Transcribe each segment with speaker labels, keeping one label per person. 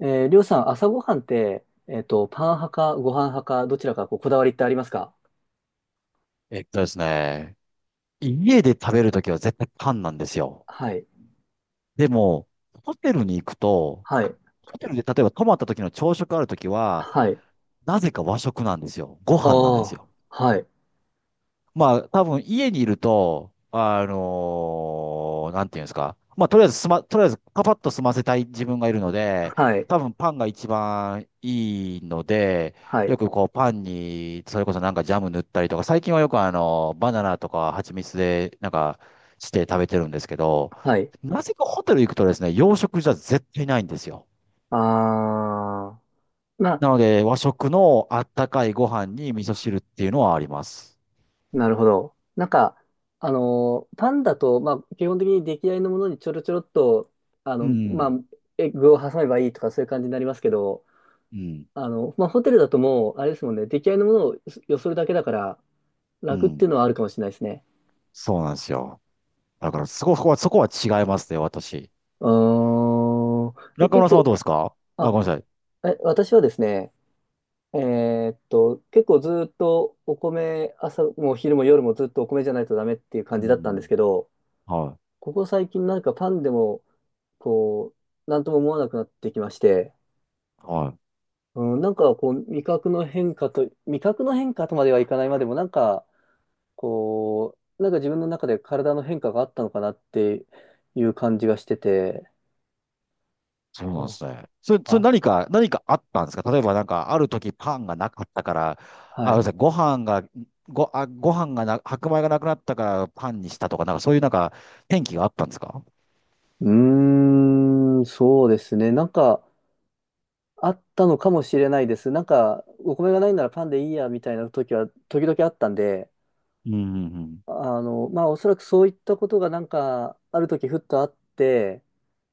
Speaker 1: りょうさん、朝ごはんって、パン派かご飯派か、どちらかこうこだわりってありますか？
Speaker 2: えっとですね、家で食べるときは絶対缶なんですよ。
Speaker 1: はい。
Speaker 2: でも、ホテルに行くと、
Speaker 1: はい。
Speaker 2: ホテルで例えば泊まった時の朝食あるときは、
Speaker 1: はい。
Speaker 2: なぜか和食なんですよ。ご飯なんです
Speaker 1: ああ。
Speaker 2: よ。
Speaker 1: はい。
Speaker 2: まあ、多分家にいると、なんていうんですか。まあ、とりあえずパパッと済ませたい自分がいるので、
Speaker 1: はい。
Speaker 2: 多分パンが一番いいので、
Speaker 1: はい。
Speaker 2: よくこうパンに、それこそなんかジャム塗ったりとか、最近はよくバナナとか蜂蜜でなんかして食べてるんですけど、
Speaker 1: はい。
Speaker 2: なぜかホテル行くとですね、洋食じゃ絶対ないんですよ。
Speaker 1: ああ。まあ、
Speaker 2: なので、和食のあったかいご飯に味噌汁っていうのはあります。
Speaker 1: なるほど。なんか、パンだと、まあ、基本的に出来合いのものにちょろちょろっと、
Speaker 2: う
Speaker 1: まあ、
Speaker 2: ん。
Speaker 1: エッグを挟めばいいとか、そういう感じになりますけど、
Speaker 2: うん。
Speaker 1: まあ、ホテルだともう、あれですもんね、出来合いのものをよそるだけだから、
Speaker 2: う
Speaker 1: 楽って
Speaker 2: ん。
Speaker 1: いうのはあるかもしれないですね。
Speaker 2: そうなんですよ。だからそこは違いますね、私。
Speaker 1: うーん。え、
Speaker 2: 中
Speaker 1: 結
Speaker 2: 村さんはど
Speaker 1: 構、
Speaker 2: うですかあ？ご
Speaker 1: あ、
Speaker 2: めんなさい。
Speaker 1: え、私はですね、結構ずーっとお米、朝も昼も夜もずっとお米じゃないとダメっていう感
Speaker 2: う
Speaker 1: じだったんです
Speaker 2: ん。
Speaker 1: けど、
Speaker 2: は
Speaker 1: ここ最近なんかパンでも、こう、なんとも思わなくなってきまして、
Speaker 2: い。はい。
Speaker 1: うん、なんかこう、味覚の変化と、味覚の変化とまではいかないまでも、なんか、こう、なんか自分の中で体の変化があったのかなっていう感じがしてて、
Speaker 2: そう
Speaker 1: う
Speaker 2: なんで
Speaker 1: ん、
Speaker 2: すね。それ、
Speaker 1: あ、
Speaker 2: 何かあったんですか？例えばなんか、ある時パンがなかったから、
Speaker 1: は
Speaker 2: あ、ごめんな
Speaker 1: い。
Speaker 2: さい、ご飯が、ご、あ、ご飯がな、白米がなくなったからパンにしたとか、なんかそういうなんか、転機があったんですか？
Speaker 1: うーん、そうですね。なんか、あったのかもしれないです。なんか、お米がないならパンでいいや、みたいな時は、時々あったんで、
Speaker 2: うんうん
Speaker 1: まあ、おそらくそういったことがなんか、ある時ふっとあって、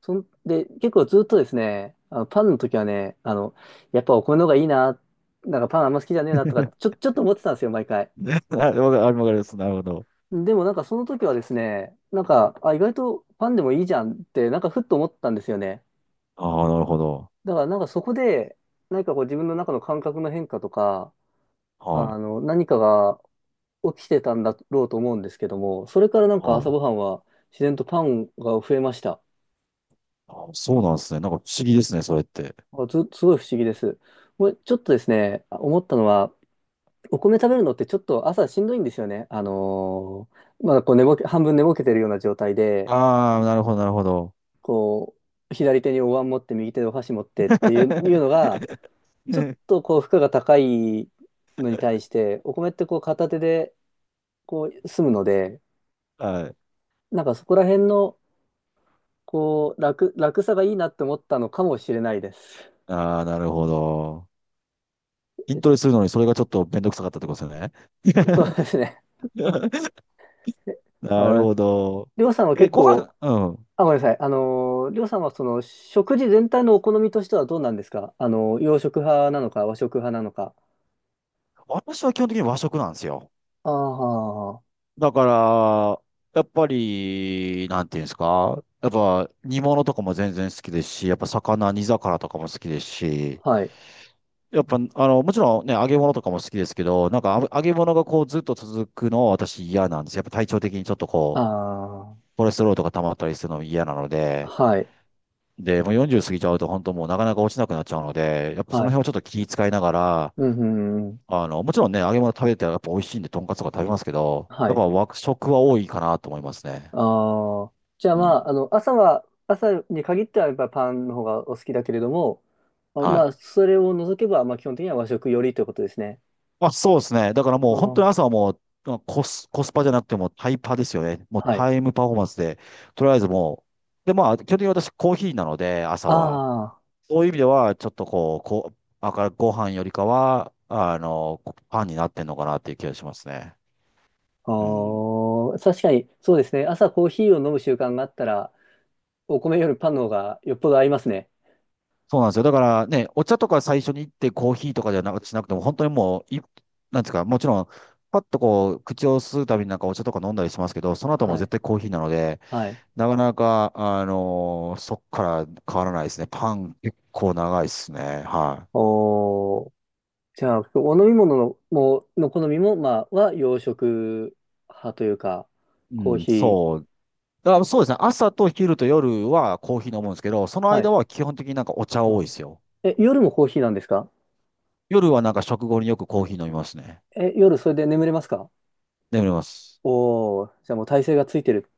Speaker 1: そんで、結構ずっとですね、あのパンの時はね、やっぱお米の方がいいな、なんかパンあんま好きじゃねえ
Speaker 2: う
Speaker 1: なとか、
Speaker 2: ん。
Speaker 1: ちょっと思ってたんですよ、毎回。
Speaker 2: あわかる、わかります。なるほど。
Speaker 1: でもなんかその時はですね、なんか、あ、意外とパンでもいいじゃんって、なんかふっと思ったんですよね。
Speaker 2: ああ、なるほど。
Speaker 1: だからなんかそこで、何かこう自分の中の感覚の変化とか、
Speaker 2: はい。
Speaker 1: 何かが起きてたんだろうと思うんですけども、それからなんか
Speaker 2: は
Speaker 1: 朝
Speaker 2: い。
Speaker 1: ごはんは自然とパンが増えました。
Speaker 2: あ、そうなんですね。なんか不思議ですね、それって。
Speaker 1: あず、すごい不思議です。これちょっとですね、思ったのは、お米食べるのってちょっと朝しんどいんですよね。まだこう寝ぼけ、半分寝ぼけてるような状態で、
Speaker 2: ああ、なるほど、なるほど。
Speaker 1: こう、左手にお椀持って右手でお箸持っていうのが、ちょっとこう負荷が高いのに対して、お米ってこう片手でこう済むので、
Speaker 2: はい。
Speaker 1: なんかそこら辺のこう楽さがいいなって思ったのかもしれないです。
Speaker 2: ああ、なるほど。筋トレするのにそれがちょっとめんどくさかったってことですよね。
Speaker 1: そうですね。
Speaker 2: なる
Speaker 1: はい。
Speaker 2: ほど。
Speaker 1: りょうさんは
Speaker 2: え、
Speaker 1: 結
Speaker 2: ご
Speaker 1: 構、
Speaker 2: 飯、うん。
Speaker 1: あ、ごめんなさい。りょうさんはその食事全体のお好みとしてはどうなんですか？洋食派なのか和食派なのか？
Speaker 2: 私は基本的に和食なんですよ。
Speaker 1: ああ、
Speaker 2: だから、やっぱり、なんていうんですか。やっぱ煮物とかも全然好きですし、やっぱ魚、煮魚とかも好きですし、
Speaker 1: はい。
Speaker 2: やっぱ、もちろんね、揚げ物とかも好きですけど、なんかあ揚げ物がこうずっと続くのは私嫌なんです。やっぱ体調的にちょっと
Speaker 1: ああ、
Speaker 2: コレステロールとか溜まったりするのも嫌なので、
Speaker 1: はい。
Speaker 2: で、もう40過ぎちゃうと本当もうなかなか落ちなくなっちゃうので、やっぱそ
Speaker 1: は
Speaker 2: の
Speaker 1: い。
Speaker 2: 辺をちょっと気遣いながら、
Speaker 1: うん、うん、うん。
Speaker 2: もちろんね、揚げ物食べてやっぱ美味しいんで、とんかつとか食べますけど、
Speaker 1: は
Speaker 2: やっ
Speaker 1: い。
Speaker 2: ぱ和食は多いかなと思いますね。
Speaker 1: ああ、じゃあ
Speaker 2: う
Speaker 1: まあ、
Speaker 2: ん。
Speaker 1: 朝に限ってはやっぱパンの方がお好きだけれども、
Speaker 2: は
Speaker 1: ま
Speaker 2: い。
Speaker 1: あ、それを除けば、まあ、基本的には和食よりということですね。
Speaker 2: まあそうですね。だから
Speaker 1: あ
Speaker 2: もう本当に
Speaker 1: ー
Speaker 2: 朝はもう、まあコスパじゃなくてもうタイパですよね。もう
Speaker 1: はい。
Speaker 2: タイムパフォーマンスで、とりあえずもう、で、まあ、基本的に私コーヒーなので、朝は。
Speaker 1: ああ、
Speaker 2: そういう意味では、ちょっとこう、あからご飯よりかは、パンになってんのかなっていう気がしますね。う
Speaker 1: あ
Speaker 2: ん。
Speaker 1: 確かに、そうですね。朝コーヒーを飲む習慣があったら、お米よりパンの方がよっぽど合いますね。
Speaker 2: そうなんですよ。だからね、お茶とか最初に行ってコーヒーとかじゃなく、しなくても、本当にもう、なんですか、もちろん、パッとこう、口を吸うたびになんかお茶とか飲んだりしますけど、その後も
Speaker 1: は
Speaker 2: 絶
Speaker 1: い。
Speaker 2: 対コーヒーなので、
Speaker 1: はい。
Speaker 2: なかなか、そっから変わらないですね。パン結構長いですね。は
Speaker 1: おー、じゃあ、お飲み物の、の好みも、まあ、は洋食派というか、
Speaker 2: い。う
Speaker 1: コー
Speaker 2: ん、
Speaker 1: ヒー。
Speaker 2: そうですね。朝と昼と夜はコーヒー飲むんですけど、その
Speaker 1: は
Speaker 2: 間
Speaker 1: い。
Speaker 2: は基本的になんかお茶
Speaker 1: う
Speaker 2: 多い
Speaker 1: ん。
Speaker 2: ですよ。
Speaker 1: 夜もコーヒーなんですか？
Speaker 2: 夜はなんか食後によくコーヒー飲みますね。
Speaker 1: 夜それで眠れますか？
Speaker 2: 眠ります。
Speaker 1: おー、じゃあもう体勢がついてる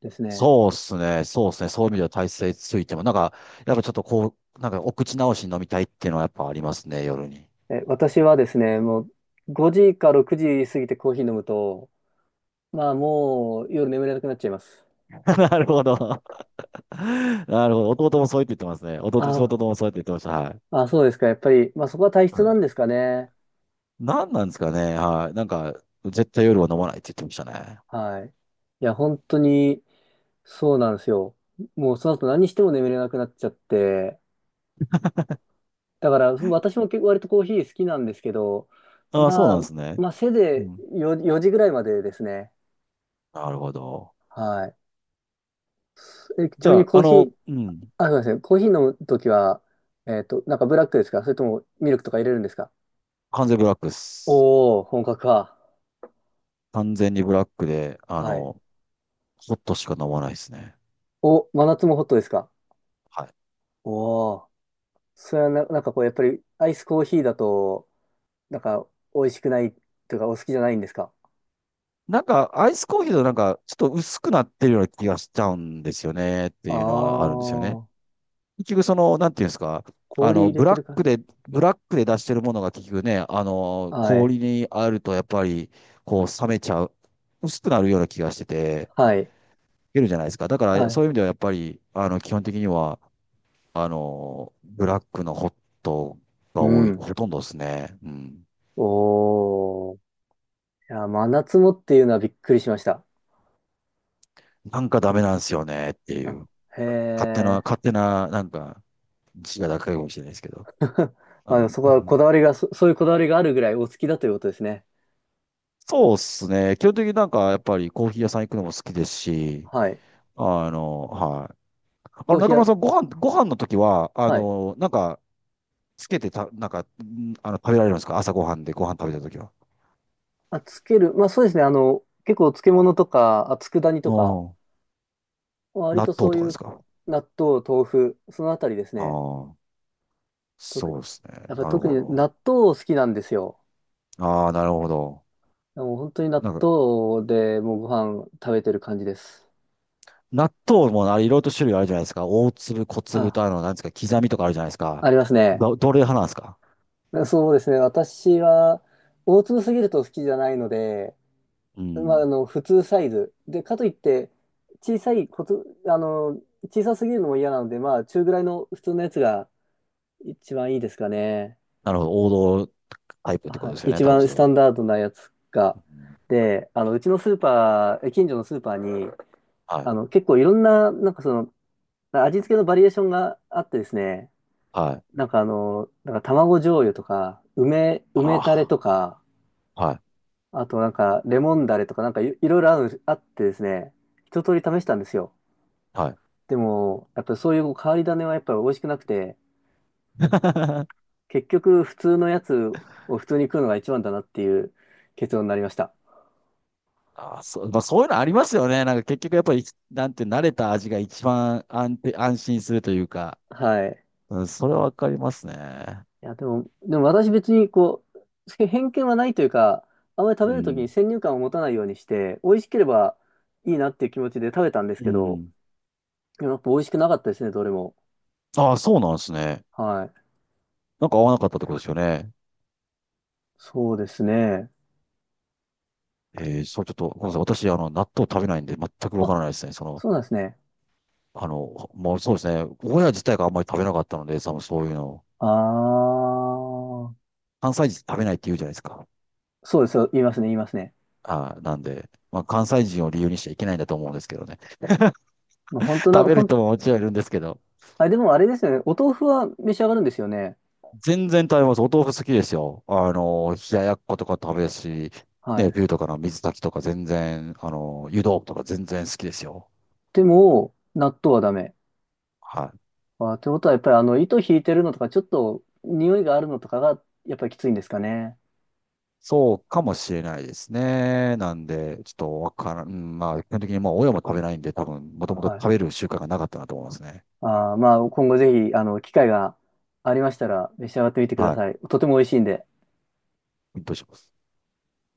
Speaker 1: ですね。
Speaker 2: そうですね。そうですね。そういう意味では体勢ついても、なんか、やっぱちょっとこう、なんかお口直しに飲みたいっていうのはやっぱありますね、夜に。
Speaker 1: 私はですね、もう5時か6時過ぎてコーヒー飲むと、まあもう夜眠れなくなっちゃいます。
Speaker 2: なるほど。なるほど。弟もそう言ってますね。弟、
Speaker 1: あ
Speaker 2: 弟もそう言ってました。はい。
Speaker 1: あ、そうですか。やっぱり、まあそこは体
Speaker 2: う
Speaker 1: 質な
Speaker 2: ん、
Speaker 1: んですかね。
Speaker 2: 何なんですかね。はい。なんか、絶対夜は飲まないって言ってましたね。
Speaker 1: はい。いや、本当にそうなんですよ。もうその後何しても眠れなくなっちゃって。だから私も結構割とコーヒー好きなんですけど、
Speaker 2: ああ、そう
Speaker 1: まあ、
Speaker 2: なんですね。
Speaker 1: まあせい
Speaker 2: う
Speaker 1: ぜ
Speaker 2: ん。
Speaker 1: い4時ぐらいまでですね。
Speaker 2: なるほど。
Speaker 1: はい。ち
Speaker 2: じ
Speaker 1: なみ
Speaker 2: ゃ
Speaker 1: に
Speaker 2: あ、
Speaker 1: コーヒー、
Speaker 2: うん。
Speaker 1: あ、そうですね。コーヒー飲むときは、なんかブラックですか？それともミルクとか入れるんですか？
Speaker 2: 完全ブラックっす。
Speaker 1: おー、本格か。
Speaker 2: 完全にブラックで、
Speaker 1: はい。
Speaker 2: ホットしか飲まないですね。
Speaker 1: お、真夏もホットですか？
Speaker 2: はい。
Speaker 1: おー。それはな、なんかこう、やっぱりアイスコーヒーだと、なんか美味しくないというか、お好きじゃないんですか？
Speaker 2: なんか、アイスコーヒーとなんか、ちょっと薄くなってるような気がしちゃうんですよね、って
Speaker 1: あ
Speaker 2: いうのはあるんですよね。
Speaker 1: ー、
Speaker 2: 結局、その、なんていうんですか、あ
Speaker 1: 氷
Speaker 2: の、
Speaker 1: 入れ
Speaker 2: ブ
Speaker 1: て
Speaker 2: ラッ
Speaker 1: るか。
Speaker 2: クで、ブラックで出してるものが結局ね、
Speaker 1: はい。
Speaker 2: 氷にあるとやっぱり、こう、冷めちゃう、薄くなるような気がしてて、
Speaker 1: はい。
Speaker 2: いけるじゃないですか。だか
Speaker 1: は
Speaker 2: ら、そう
Speaker 1: い。
Speaker 2: いう意味ではやっぱり、基本的には、ブラックのホット
Speaker 1: う
Speaker 2: が多い、
Speaker 1: ん。
Speaker 2: ほとんどですね。うん。
Speaker 1: おー。いや、真夏もっていうのはびっくりしました。
Speaker 2: なんかダメなんですよねってい
Speaker 1: あ、
Speaker 2: う。
Speaker 1: へ
Speaker 2: 勝手な、
Speaker 1: ー。
Speaker 2: 勝手な、なんか、自我高いかもしれないですけど。
Speaker 1: まあ、でもそこ
Speaker 2: う
Speaker 1: は
Speaker 2: ん、
Speaker 1: こだわりがそういうこだわりがあるぐらいお好きだということですね。
Speaker 2: そうっすね。基本的になんか、やっぱりコーヒー屋さん行くのも好きですし、
Speaker 1: はい。
Speaker 2: はい。
Speaker 1: コーヒ
Speaker 2: 中
Speaker 1: ー
Speaker 2: 村
Speaker 1: は、
Speaker 2: さん、ご飯の時は、
Speaker 1: はい。
Speaker 2: なんか、つけてた、なんか、んあの、食べられるんですか？朝ご飯でご飯食べた時は。
Speaker 1: あ、つける。まあそうですね。結構漬物とか、あ、佃煮とか、
Speaker 2: ああ、
Speaker 1: 割
Speaker 2: 納
Speaker 1: とそ
Speaker 2: 豆
Speaker 1: う
Speaker 2: とか
Speaker 1: い
Speaker 2: で
Speaker 1: う
Speaker 2: すか？
Speaker 1: 納豆、豆腐、そのあたりです
Speaker 2: あ
Speaker 1: ね。
Speaker 2: あー、
Speaker 1: 特、
Speaker 2: そうですね。
Speaker 1: やっぱり
Speaker 2: なる
Speaker 1: 特に
Speaker 2: ほど。
Speaker 1: 納豆好きなんですよ。
Speaker 2: ああ、なるほど。
Speaker 1: もう本当に納
Speaker 2: なんか、
Speaker 1: 豆でもうご飯食べてる感じです。
Speaker 2: 納豆もあれ、いろいろと種類あるじゃないですか。大粒、小粒
Speaker 1: あ、
Speaker 2: と、なんですか、刻みとかあるじゃないですか。
Speaker 1: ありますね。
Speaker 2: どれ派なんですか？
Speaker 1: そうですね。私は、大粒すぎると好きじゃないので、
Speaker 2: う
Speaker 1: まあ、
Speaker 2: ん。
Speaker 1: 普通サイズ。で、かといって、小さいこと、あの、小さすぎるのも嫌なので、まあ、中ぐらいの普通のやつが一番いいですかね。
Speaker 2: なるほど。王道タイプってこ
Speaker 1: は
Speaker 2: とで
Speaker 1: い。
Speaker 2: すよね、
Speaker 1: 一
Speaker 2: 多分
Speaker 1: 番
Speaker 2: そ
Speaker 1: ス
Speaker 2: れ
Speaker 1: タ
Speaker 2: は。
Speaker 1: ンダードなやつが。
Speaker 2: うん。
Speaker 1: で、うちのスーパー、え近所のスーパーに、
Speaker 2: はい。
Speaker 1: 結構いろんな、なんかその、味付けのバリエーションがあってですね、
Speaker 2: はい。
Speaker 1: なんかなんか卵醤油とか、梅タレ
Speaker 2: あ
Speaker 1: とか、
Speaker 2: あ。はい。
Speaker 1: あとなんかレモンダレとか、なんかいろいろある、あってですね、一通り試したんですよ。
Speaker 2: はい。
Speaker 1: でも、やっぱそういう変わり種はやっぱり美味しくなくて、結局普通のやつを普通に食うのが一番だなっていう結論になりました。
Speaker 2: ああ、そう、まあ、そういうのありますよね。なんか結局やっぱり、なんて慣れた味が一番安心するというか、
Speaker 1: はい。
Speaker 2: うん、それはわかりますね。
Speaker 1: いや、でも私別にこう、偏見はないというか、あまり食
Speaker 2: う
Speaker 1: べるとき
Speaker 2: ん。
Speaker 1: に先入観を持たないようにして、美味しければいいなっていう気持ちで食べたんです
Speaker 2: う
Speaker 1: けど、
Speaker 2: ん。
Speaker 1: でもやっぱ美味しくなかったですね、どれも。
Speaker 2: ああ、そうなんですね。
Speaker 1: はい。
Speaker 2: なんか合わなかったってことですよね。
Speaker 1: そうですね。
Speaker 2: そう、ちょっと、ごめんなさい。私、納豆食べないんで、全くわか
Speaker 1: あ、
Speaker 2: らないですね。その、
Speaker 1: そうなんですね。
Speaker 2: もうそうですね。親自体があんまり食べなかったので、その、そういうの。
Speaker 1: あー。
Speaker 2: 関西人食べないって言うじゃないですか。
Speaker 1: そうですよ。言いますね、言いますね。
Speaker 2: なんで、まあ、関西人を理由にしちゃいけないんだと思うんですけどね。
Speaker 1: もう本 当な、
Speaker 2: 食べる人ももちろんいるんですけど、
Speaker 1: あ、でもあれですよね。お豆腐は召し上がるんですよね。
Speaker 2: 全然食べます。お豆腐好きですよ。冷ややっことか食べるし、
Speaker 1: は
Speaker 2: ね、
Speaker 1: い。
Speaker 2: ビューとかの水炊きとか全然、湯豆腐とか全然好きですよ。
Speaker 1: でも、納豆はダメ。
Speaker 2: はい。
Speaker 1: あ、ってことは、やっぱり糸引いてるのとか、ちょっと匂いがあるのとかが、やっぱりきついんですかね。
Speaker 2: そうかもしれないですね。なんで、ちょっとわからん。うん、まあ、基本的にもう親も食べないんで、多分、もともと
Speaker 1: は
Speaker 2: 食
Speaker 1: い。
Speaker 2: べる習慣がなかったなと思いますね。
Speaker 1: まあ、今後ぜひ、機会がありましたら、召し上がってみてくだ
Speaker 2: は
Speaker 1: さい。とても美味しいんで。
Speaker 2: い。どうします？